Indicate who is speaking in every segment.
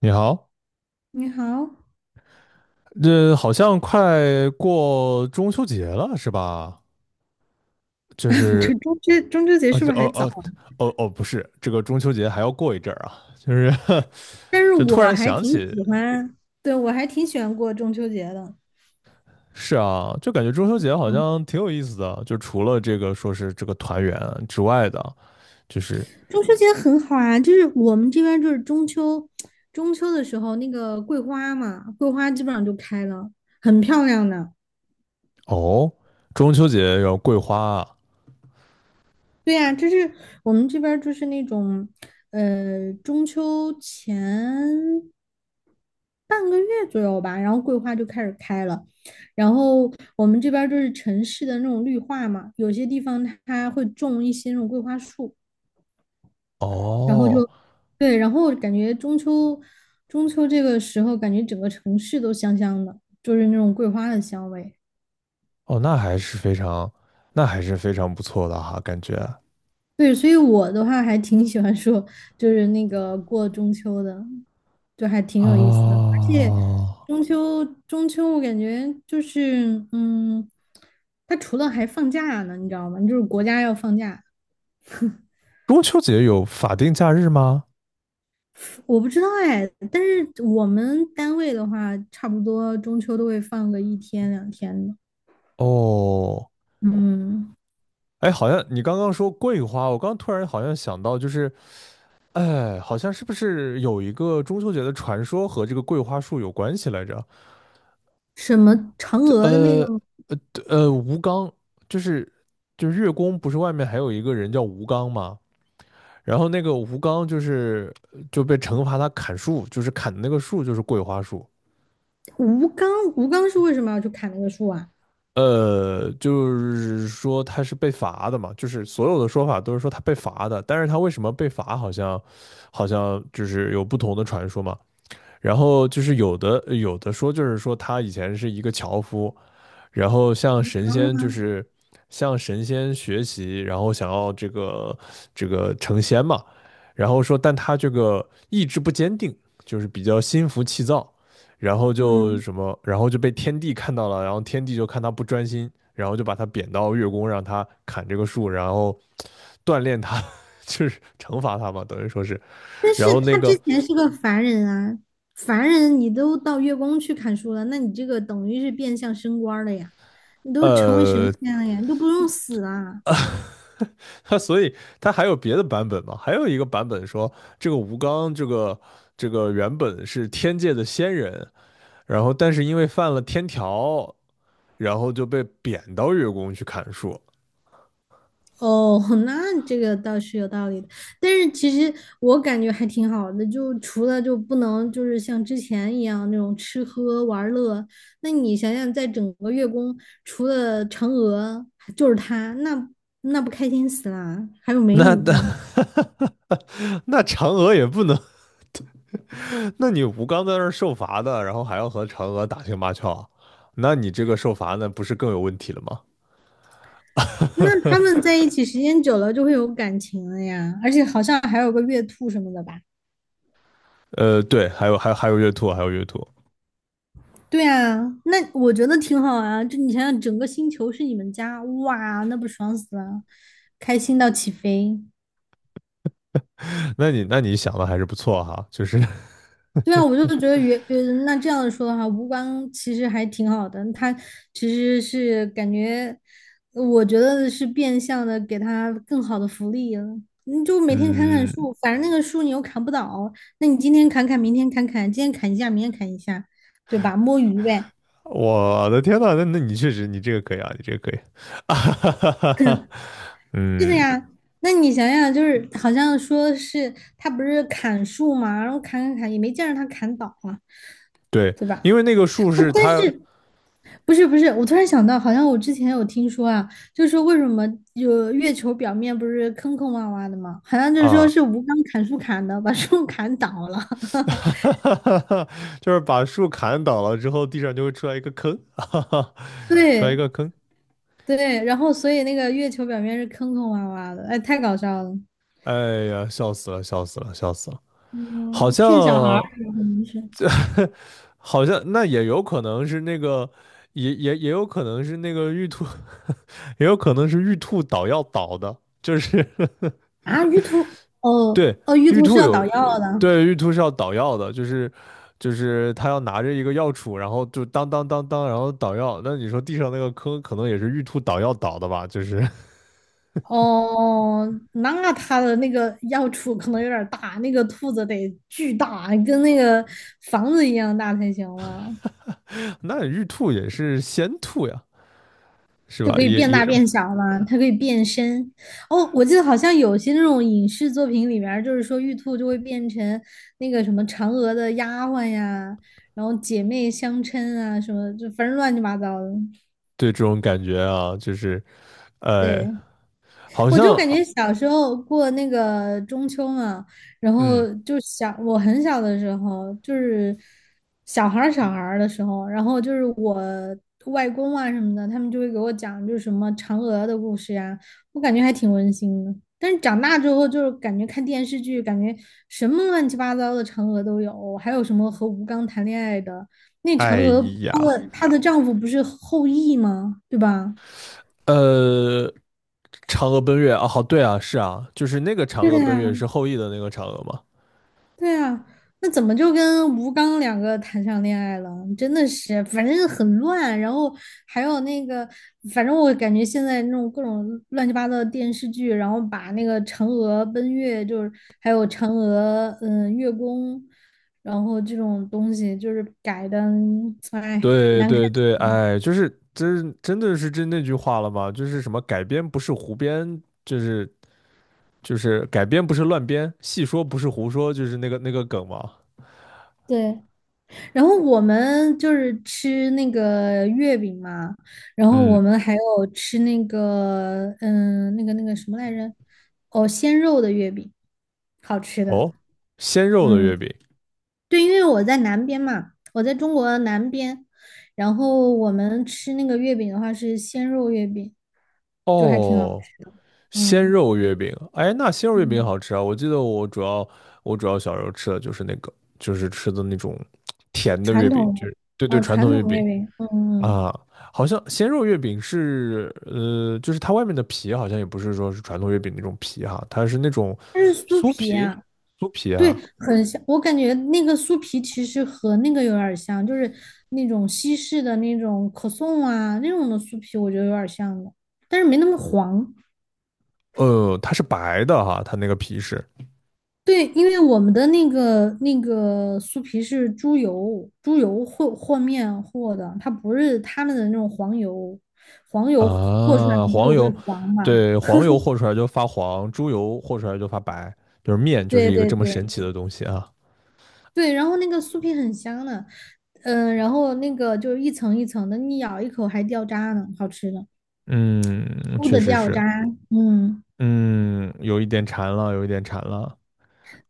Speaker 1: 你好，
Speaker 2: 你好，
Speaker 1: 这好像快过中秋节了，是吧？就
Speaker 2: 这
Speaker 1: 是
Speaker 2: 中秋节
Speaker 1: 啊，
Speaker 2: 是不
Speaker 1: 这
Speaker 2: 是
Speaker 1: 哦
Speaker 2: 还早
Speaker 1: 哦
Speaker 2: 啊？
Speaker 1: 哦哦，不是，这个中秋节还要过一阵儿啊，就是
Speaker 2: 但 是
Speaker 1: 就突
Speaker 2: 我
Speaker 1: 然
Speaker 2: 还
Speaker 1: 想
Speaker 2: 挺
Speaker 1: 起，
Speaker 2: 喜欢，对，我还挺喜欢过中秋节的。
Speaker 1: 是啊，就感觉中秋节好
Speaker 2: 嗯，
Speaker 1: 像挺有意思的，就除了这个说是这个团圆之外的，就是
Speaker 2: 中秋节很好啊，就是我们这边就是中秋，中秋的时候那个桂花嘛，桂花基本上就开了，很漂亮的。
Speaker 1: 哦，中秋节有桂花啊，
Speaker 2: 对呀，就是我们这边儿就是那种，中秋前半个月左右吧，然后桂花就开始开了。然后我们这边儿就是城市的那种绿化嘛，有些地方它会种一些那种桂花树，然后
Speaker 1: 哦
Speaker 2: 就对，然后感觉中秋这个时候，感觉整个城市都香香的，就是那种桂花的香味。
Speaker 1: 哦，那还是非常，那还是非常不错的哈，感觉
Speaker 2: 对，所以我的话还挺喜欢说，就是那个过中秋的，就还挺有意思的。而且
Speaker 1: 啊。
Speaker 2: 中秋，中秋我感觉就是，嗯，它除了还放假呢，你知道吗？就是国家要放假，
Speaker 1: 中秋节有法定假日吗？
Speaker 2: 我不知道哎。但是我们单位的话，差不多中秋都会放个一天两天的。
Speaker 1: 哦，
Speaker 2: 嗯，
Speaker 1: 哎，好像你刚刚说桂花，我刚突然好像想到，就是，哎，好像是不是有一个中秋节的传说和这个桂花树有关系来着？
Speaker 2: 什么嫦娥的那个
Speaker 1: 呃呃，吴刚，就是就是月宫不是外面还有一个人叫吴刚吗？然后那个吴刚就是就被惩罚他砍树，就是砍的那个树就是桂花树。
Speaker 2: 吴刚，吴刚是为什么要去砍那个树啊？
Speaker 1: 呃，就是说他是被罚的嘛，就是所有的说法都是说他被罚的，但是他为什么被罚，好像好像就是有不同的传说嘛。然后就是有的有的说就是说他以前是一个樵夫，然后向神仙就是向神仙学习，然后想要这个这个成仙嘛。然后说，但他这个意志不坚定，就是比较心浮气躁，然后就
Speaker 2: 嗯。
Speaker 1: 什么，然后就被天帝看到了，然后天帝就看他不专心，然后就把他贬到月宫，让他砍这个树，然后锻炼他，就是惩罚他嘛，等于说是。
Speaker 2: 但是
Speaker 1: 然后那
Speaker 2: 他之
Speaker 1: 个
Speaker 2: 前是个凡人啊，凡人你都到月宫去砍树了，那你这个等于是变相升官儿了呀，你都成为神
Speaker 1: 呃，
Speaker 2: 仙了呀，你都不用死啊。
Speaker 1: 所以它还有别的版本吗？还有一个版本说，这个吴刚这个这个原本是天界的仙人，然后但是因为犯了天条，然后就被贬到月宫去砍树。
Speaker 2: 哦，那这个倒是有道理的，但是其实我感觉还挺好的，就除了就不能就是像之前一样那种吃喝玩乐，那你想想，在整个月宫除了嫦娥就是他，那那不开心死啦，还有美
Speaker 1: 那
Speaker 2: 女。
Speaker 1: 那 那嫦娥也不能，那你吴刚在那儿受罚的，然后还要和嫦娥打情骂俏啊，那你这个受罚那不是更有问题了吗？
Speaker 2: 那他们在一起时间久了就会有感情了呀，而且好像还有个月兔什么的吧？
Speaker 1: 呃，对，还有还有还有月兔，还有月兔，
Speaker 2: 对啊，那我觉得挺好啊。就你想想，整个星球是你们家，哇，那不爽死了，开心到起飞。
Speaker 1: 那你那你想的还是不错哈，就是
Speaker 2: 对啊，我就觉得原那这样说的话，吴刚其实还挺好的。他其实是感觉，我觉得是变相的给他更好的福利了。你就 每天砍砍
Speaker 1: 嗯。
Speaker 2: 树，反正那个树你又砍不倒，那你今天砍砍，明天砍砍，今天砍一下，明天砍一下，对吧？摸鱼呗，
Speaker 1: 我的天呐，那那你确实，你这个可以啊，你这个可以，啊哈哈哈哈，
Speaker 2: 是的
Speaker 1: 嗯，
Speaker 2: 呀。那你想想，就是好像说是他不是砍树嘛，然后砍砍砍，也没见着他砍倒啊，
Speaker 1: 对，
Speaker 2: 对吧？
Speaker 1: 因为那个树
Speaker 2: 哦，
Speaker 1: 是
Speaker 2: 但
Speaker 1: 它
Speaker 2: 是不是，我突然想到，好像我之前有听说啊，就是说为什么有月球表面不是坑坑洼洼的吗？好像就是说
Speaker 1: 啊，
Speaker 2: 是吴刚砍树砍的，把树砍倒了。
Speaker 1: 哈哈哈哈，就是把树砍倒了之后，地上就会出来一个坑，哈哈，出来一
Speaker 2: 对
Speaker 1: 个坑，
Speaker 2: 对，然后所以那个月球表面是坑坑洼洼的，哎，太搞笑了。
Speaker 1: 哎呀，笑死了，笑死了，笑死了，好
Speaker 2: 嗯，
Speaker 1: 像
Speaker 2: 骗小孩儿有可能是
Speaker 1: 好像那也有可能是那个，也也也有可能是那个玉兔，也有可能是玉兔倒要倒的，就是
Speaker 2: 啊，玉兔哦
Speaker 1: 对，
Speaker 2: 哦，玉
Speaker 1: 玉
Speaker 2: 兔是
Speaker 1: 兔
Speaker 2: 要
Speaker 1: 有，
Speaker 2: 捣
Speaker 1: 呃
Speaker 2: 药的。
Speaker 1: 对，玉兔是要捣药的，就是就是他要拿着一个药杵，然后就当当当当，然后捣药。那你说地上那个坑，可能也是玉兔捣药捣的吧？就是
Speaker 2: 哦，那它的那个药处可能有点儿大，那个兔子得巨大，跟那个房子一样大才行了，
Speaker 1: 那玉兔也是仙兔呀，是
Speaker 2: 就
Speaker 1: 吧？
Speaker 2: 可以
Speaker 1: 也
Speaker 2: 变
Speaker 1: 也
Speaker 2: 大变小嘛，它可以变身。哦，我记得好像有些那种影视作品里面儿，就是说玉兔就会变成那个什么嫦娥的丫鬟呀，然后姐妹相称啊，什么就反正乱七八糟的。
Speaker 1: 对这种感觉啊，就是呃，
Speaker 2: 对，
Speaker 1: 好
Speaker 2: 我
Speaker 1: 像
Speaker 2: 就感觉小时候过那个中秋嘛，然后
Speaker 1: 嗯，
Speaker 2: 就小，我很小的时候，就是小孩儿的时候，然后就是我外公啊什么的，他们就会给我讲就是什么嫦娥的故事呀，我感觉还挺温馨的。但是长大之后，就是感觉看电视剧，感觉什么乱七八糟的嫦娥都有，还有什么和吴刚谈恋爱的，那嫦
Speaker 1: 哎
Speaker 2: 娥她
Speaker 1: 呀，
Speaker 2: 的她的丈夫不是后羿吗？对吧？
Speaker 1: 呃。嫦娥奔月啊，好，对啊，是啊，就是那个嫦
Speaker 2: 对的
Speaker 1: 娥奔
Speaker 2: 呀。
Speaker 1: 月是后羿的那个嫦娥吗？
Speaker 2: 对啊，那怎么就跟吴刚两个谈上恋爱了？真的是，反正很乱，然后还有那个，反正我感觉现在那种各种乱七八糟的电视剧，然后把那个嫦娥奔月，就是还有嫦娥嗯月宫，然后这种东西就是改的，哎，
Speaker 1: 对
Speaker 2: 难看
Speaker 1: 对
Speaker 2: 死
Speaker 1: 对，
Speaker 2: 了。
Speaker 1: 哎，就是真真的是真那句话了吗？就是什么改编不是胡编，就是就是改编不是乱编，戏说不是胡说，就是那个那个梗嘛。
Speaker 2: 对。然后我们就是吃那个月饼嘛，然后
Speaker 1: 嗯，
Speaker 2: 我们还有吃那个，嗯，那个那个什么来着？哦，鲜肉的月饼，好吃的。
Speaker 1: 哦，鲜肉的
Speaker 2: 嗯，
Speaker 1: 月饼，
Speaker 2: 对，因为我在南边嘛，我在中国南边，然后我们吃那个月饼的话是鲜肉月饼，就还挺好
Speaker 1: 哦，
Speaker 2: 吃的。
Speaker 1: 鲜
Speaker 2: 嗯
Speaker 1: 肉月饼，哎，那鲜肉月饼
Speaker 2: 嗯，
Speaker 1: 好吃啊！我记得我主要我主要小时候吃的就是那个，就是吃的那种甜的
Speaker 2: 传
Speaker 1: 月饼，就
Speaker 2: 统，
Speaker 1: 是对对
Speaker 2: 啊，
Speaker 1: 传
Speaker 2: 传
Speaker 1: 统月
Speaker 2: 统月
Speaker 1: 饼。
Speaker 2: 饼，嗯嗯，
Speaker 1: 啊，好像鲜肉月饼是，呃，就是它外面的皮好像也不是说是传统月饼那种皮哈，它是那种
Speaker 2: 它是酥
Speaker 1: 酥
Speaker 2: 皮
Speaker 1: 皮，
Speaker 2: 啊。
Speaker 1: 酥皮
Speaker 2: 对，
Speaker 1: 啊，
Speaker 2: 很像，我感觉那个酥皮其实和那个有点儿像，就是那种西式的那种可颂啊那种的酥皮，我觉得有点儿像的，但是没那么黄。
Speaker 1: 呃，它是白的哈，它那个皮是
Speaker 2: 对，因为我们的那个酥皮是猪油，猪油和面和的，它不是他们的那种黄油，黄油和出来
Speaker 1: 啊，
Speaker 2: 就
Speaker 1: 黄
Speaker 2: 是会
Speaker 1: 油，
Speaker 2: 黄嘛。
Speaker 1: 对，黄油和出来就发黄，猪油和出来就发白，就是面就是
Speaker 2: 对
Speaker 1: 一个
Speaker 2: 对
Speaker 1: 这么神
Speaker 2: 对
Speaker 1: 奇的东西啊，
Speaker 2: 对，然后那个酥皮很香的，嗯、然后那个就是一层一层的，你咬一口还掉渣呢，好吃的。
Speaker 1: 嗯，
Speaker 2: 猪
Speaker 1: 确
Speaker 2: 的
Speaker 1: 实
Speaker 2: 掉
Speaker 1: 是，
Speaker 2: 渣，嗯，
Speaker 1: 嗯，有一点馋了，有一点馋了，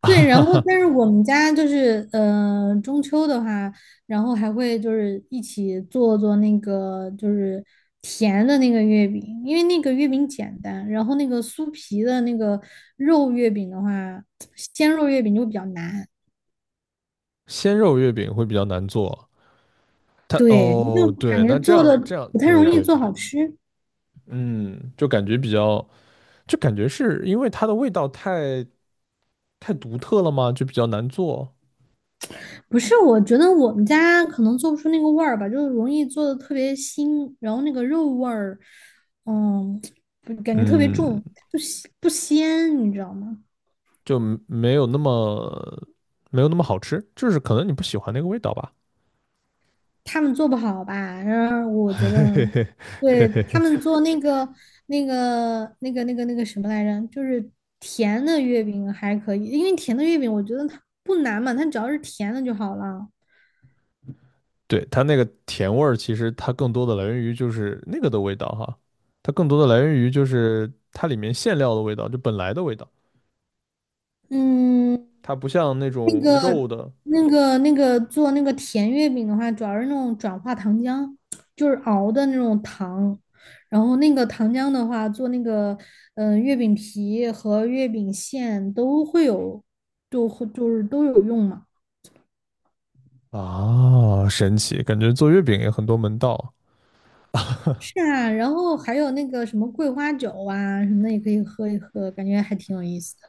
Speaker 1: 哈
Speaker 2: 对，
Speaker 1: 哈
Speaker 2: 然后
Speaker 1: 哈，
Speaker 2: 但是我们家就是中秋的话，然后还会就是一起做做那个就是甜的那个月饼，因为那个月饼简单，然后那个酥皮的那个肉月饼的话，鲜肉月饼就比较难，
Speaker 1: 鲜肉月饼会比较难做他
Speaker 2: 对，
Speaker 1: 哦，
Speaker 2: 就感
Speaker 1: 对，
Speaker 2: 觉
Speaker 1: 那这
Speaker 2: 做的
Speaker 1: 样这样，
Speaker 2: 不太
Speaker 1: 对
Speaker 2: 容易
Speaker 1: 对
Speaker 2: 做
Speaker 1: 对，
Speaker 2: 好吃。
Speaker 1: 嗯，就感觉比较，就感觉是因为它的味道太太独特了嘛，就比较难做，
Speaker 2: 不是，我觉得我们家可能做不出那个味儿吧，就是容易做的特别腥，然后那个肉味儿，嗯，不感觉特别
Speaker 1: 嗯，
Speaker 2: 重，不鲜，你知道吗？
Speaker 1: 就没没有那么没有那么好吃，就是可能你不喜欢那个味道吧。
Speaker 2: 他们做不好吧？然后我觉得，对，他们做那个那个什么来着，就是甜的月饼还可以，因为甜的月饼我觉得它不难嘛，它只要是甜的就好了。
Speaker 1: 对，它那个甜味儿，其实它更多的来源于就是那个的味道哈，它更多的来源于就是它里面馅料的味道，就本来的味道，
Speaker 2: 嗯，
Speaker 1: 它不像那
Speaker 2: 那
Speaker 1: 种
Speaker 2: 个、
Speaker 1: 肉的
Speaker 2: 那个做那个甜月饼的话，主要是那种转化糖浆，就是熬的那种糖。然后那个糖浆的话，做那个嗯、月饼皮和月饼馅都会有，就会就是都有用嘛。
Speaker 1: 啊，神奇，感觉做月饼也很多门道。
Speaker 2: 是啊，然后还有那个什么桂花酒啊什么的也可以喝一喝，感觉还挺有意思的。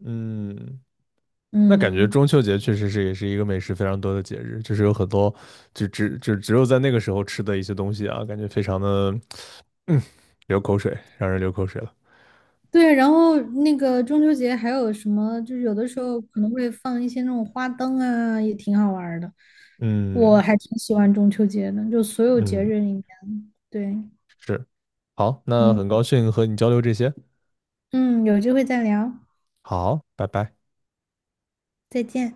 Speaker 1: 嗯，那感觉
Speaker 2: 嗯，
Speaker 1: 中秋节确实是也是一个美食非常多的节日，就是有很多就只就只有在那个时候吃的一些东西啊，感觉非常的嗯流口水，让人流口水了。
Speaker 2: 对，然后那个中秋节还有什么，就是有的时候可能会放一些那种花灯啊，也挺好玩儿的。我
Speaker 1: 嗯
Speaker 2: 还挺喜欢中秋节的，就所有节
Speaker 1: 嗯，
Speaker 2: 日里面，对，
Speaker 1: 是，好，那
Speaker 2: 嗯
Speaker 1: 很高兴和你交流这些，
Speaker 2: 嗯，有机会再聊，
Speaker 1: 好，拜拜。
Speaker 2: 再见。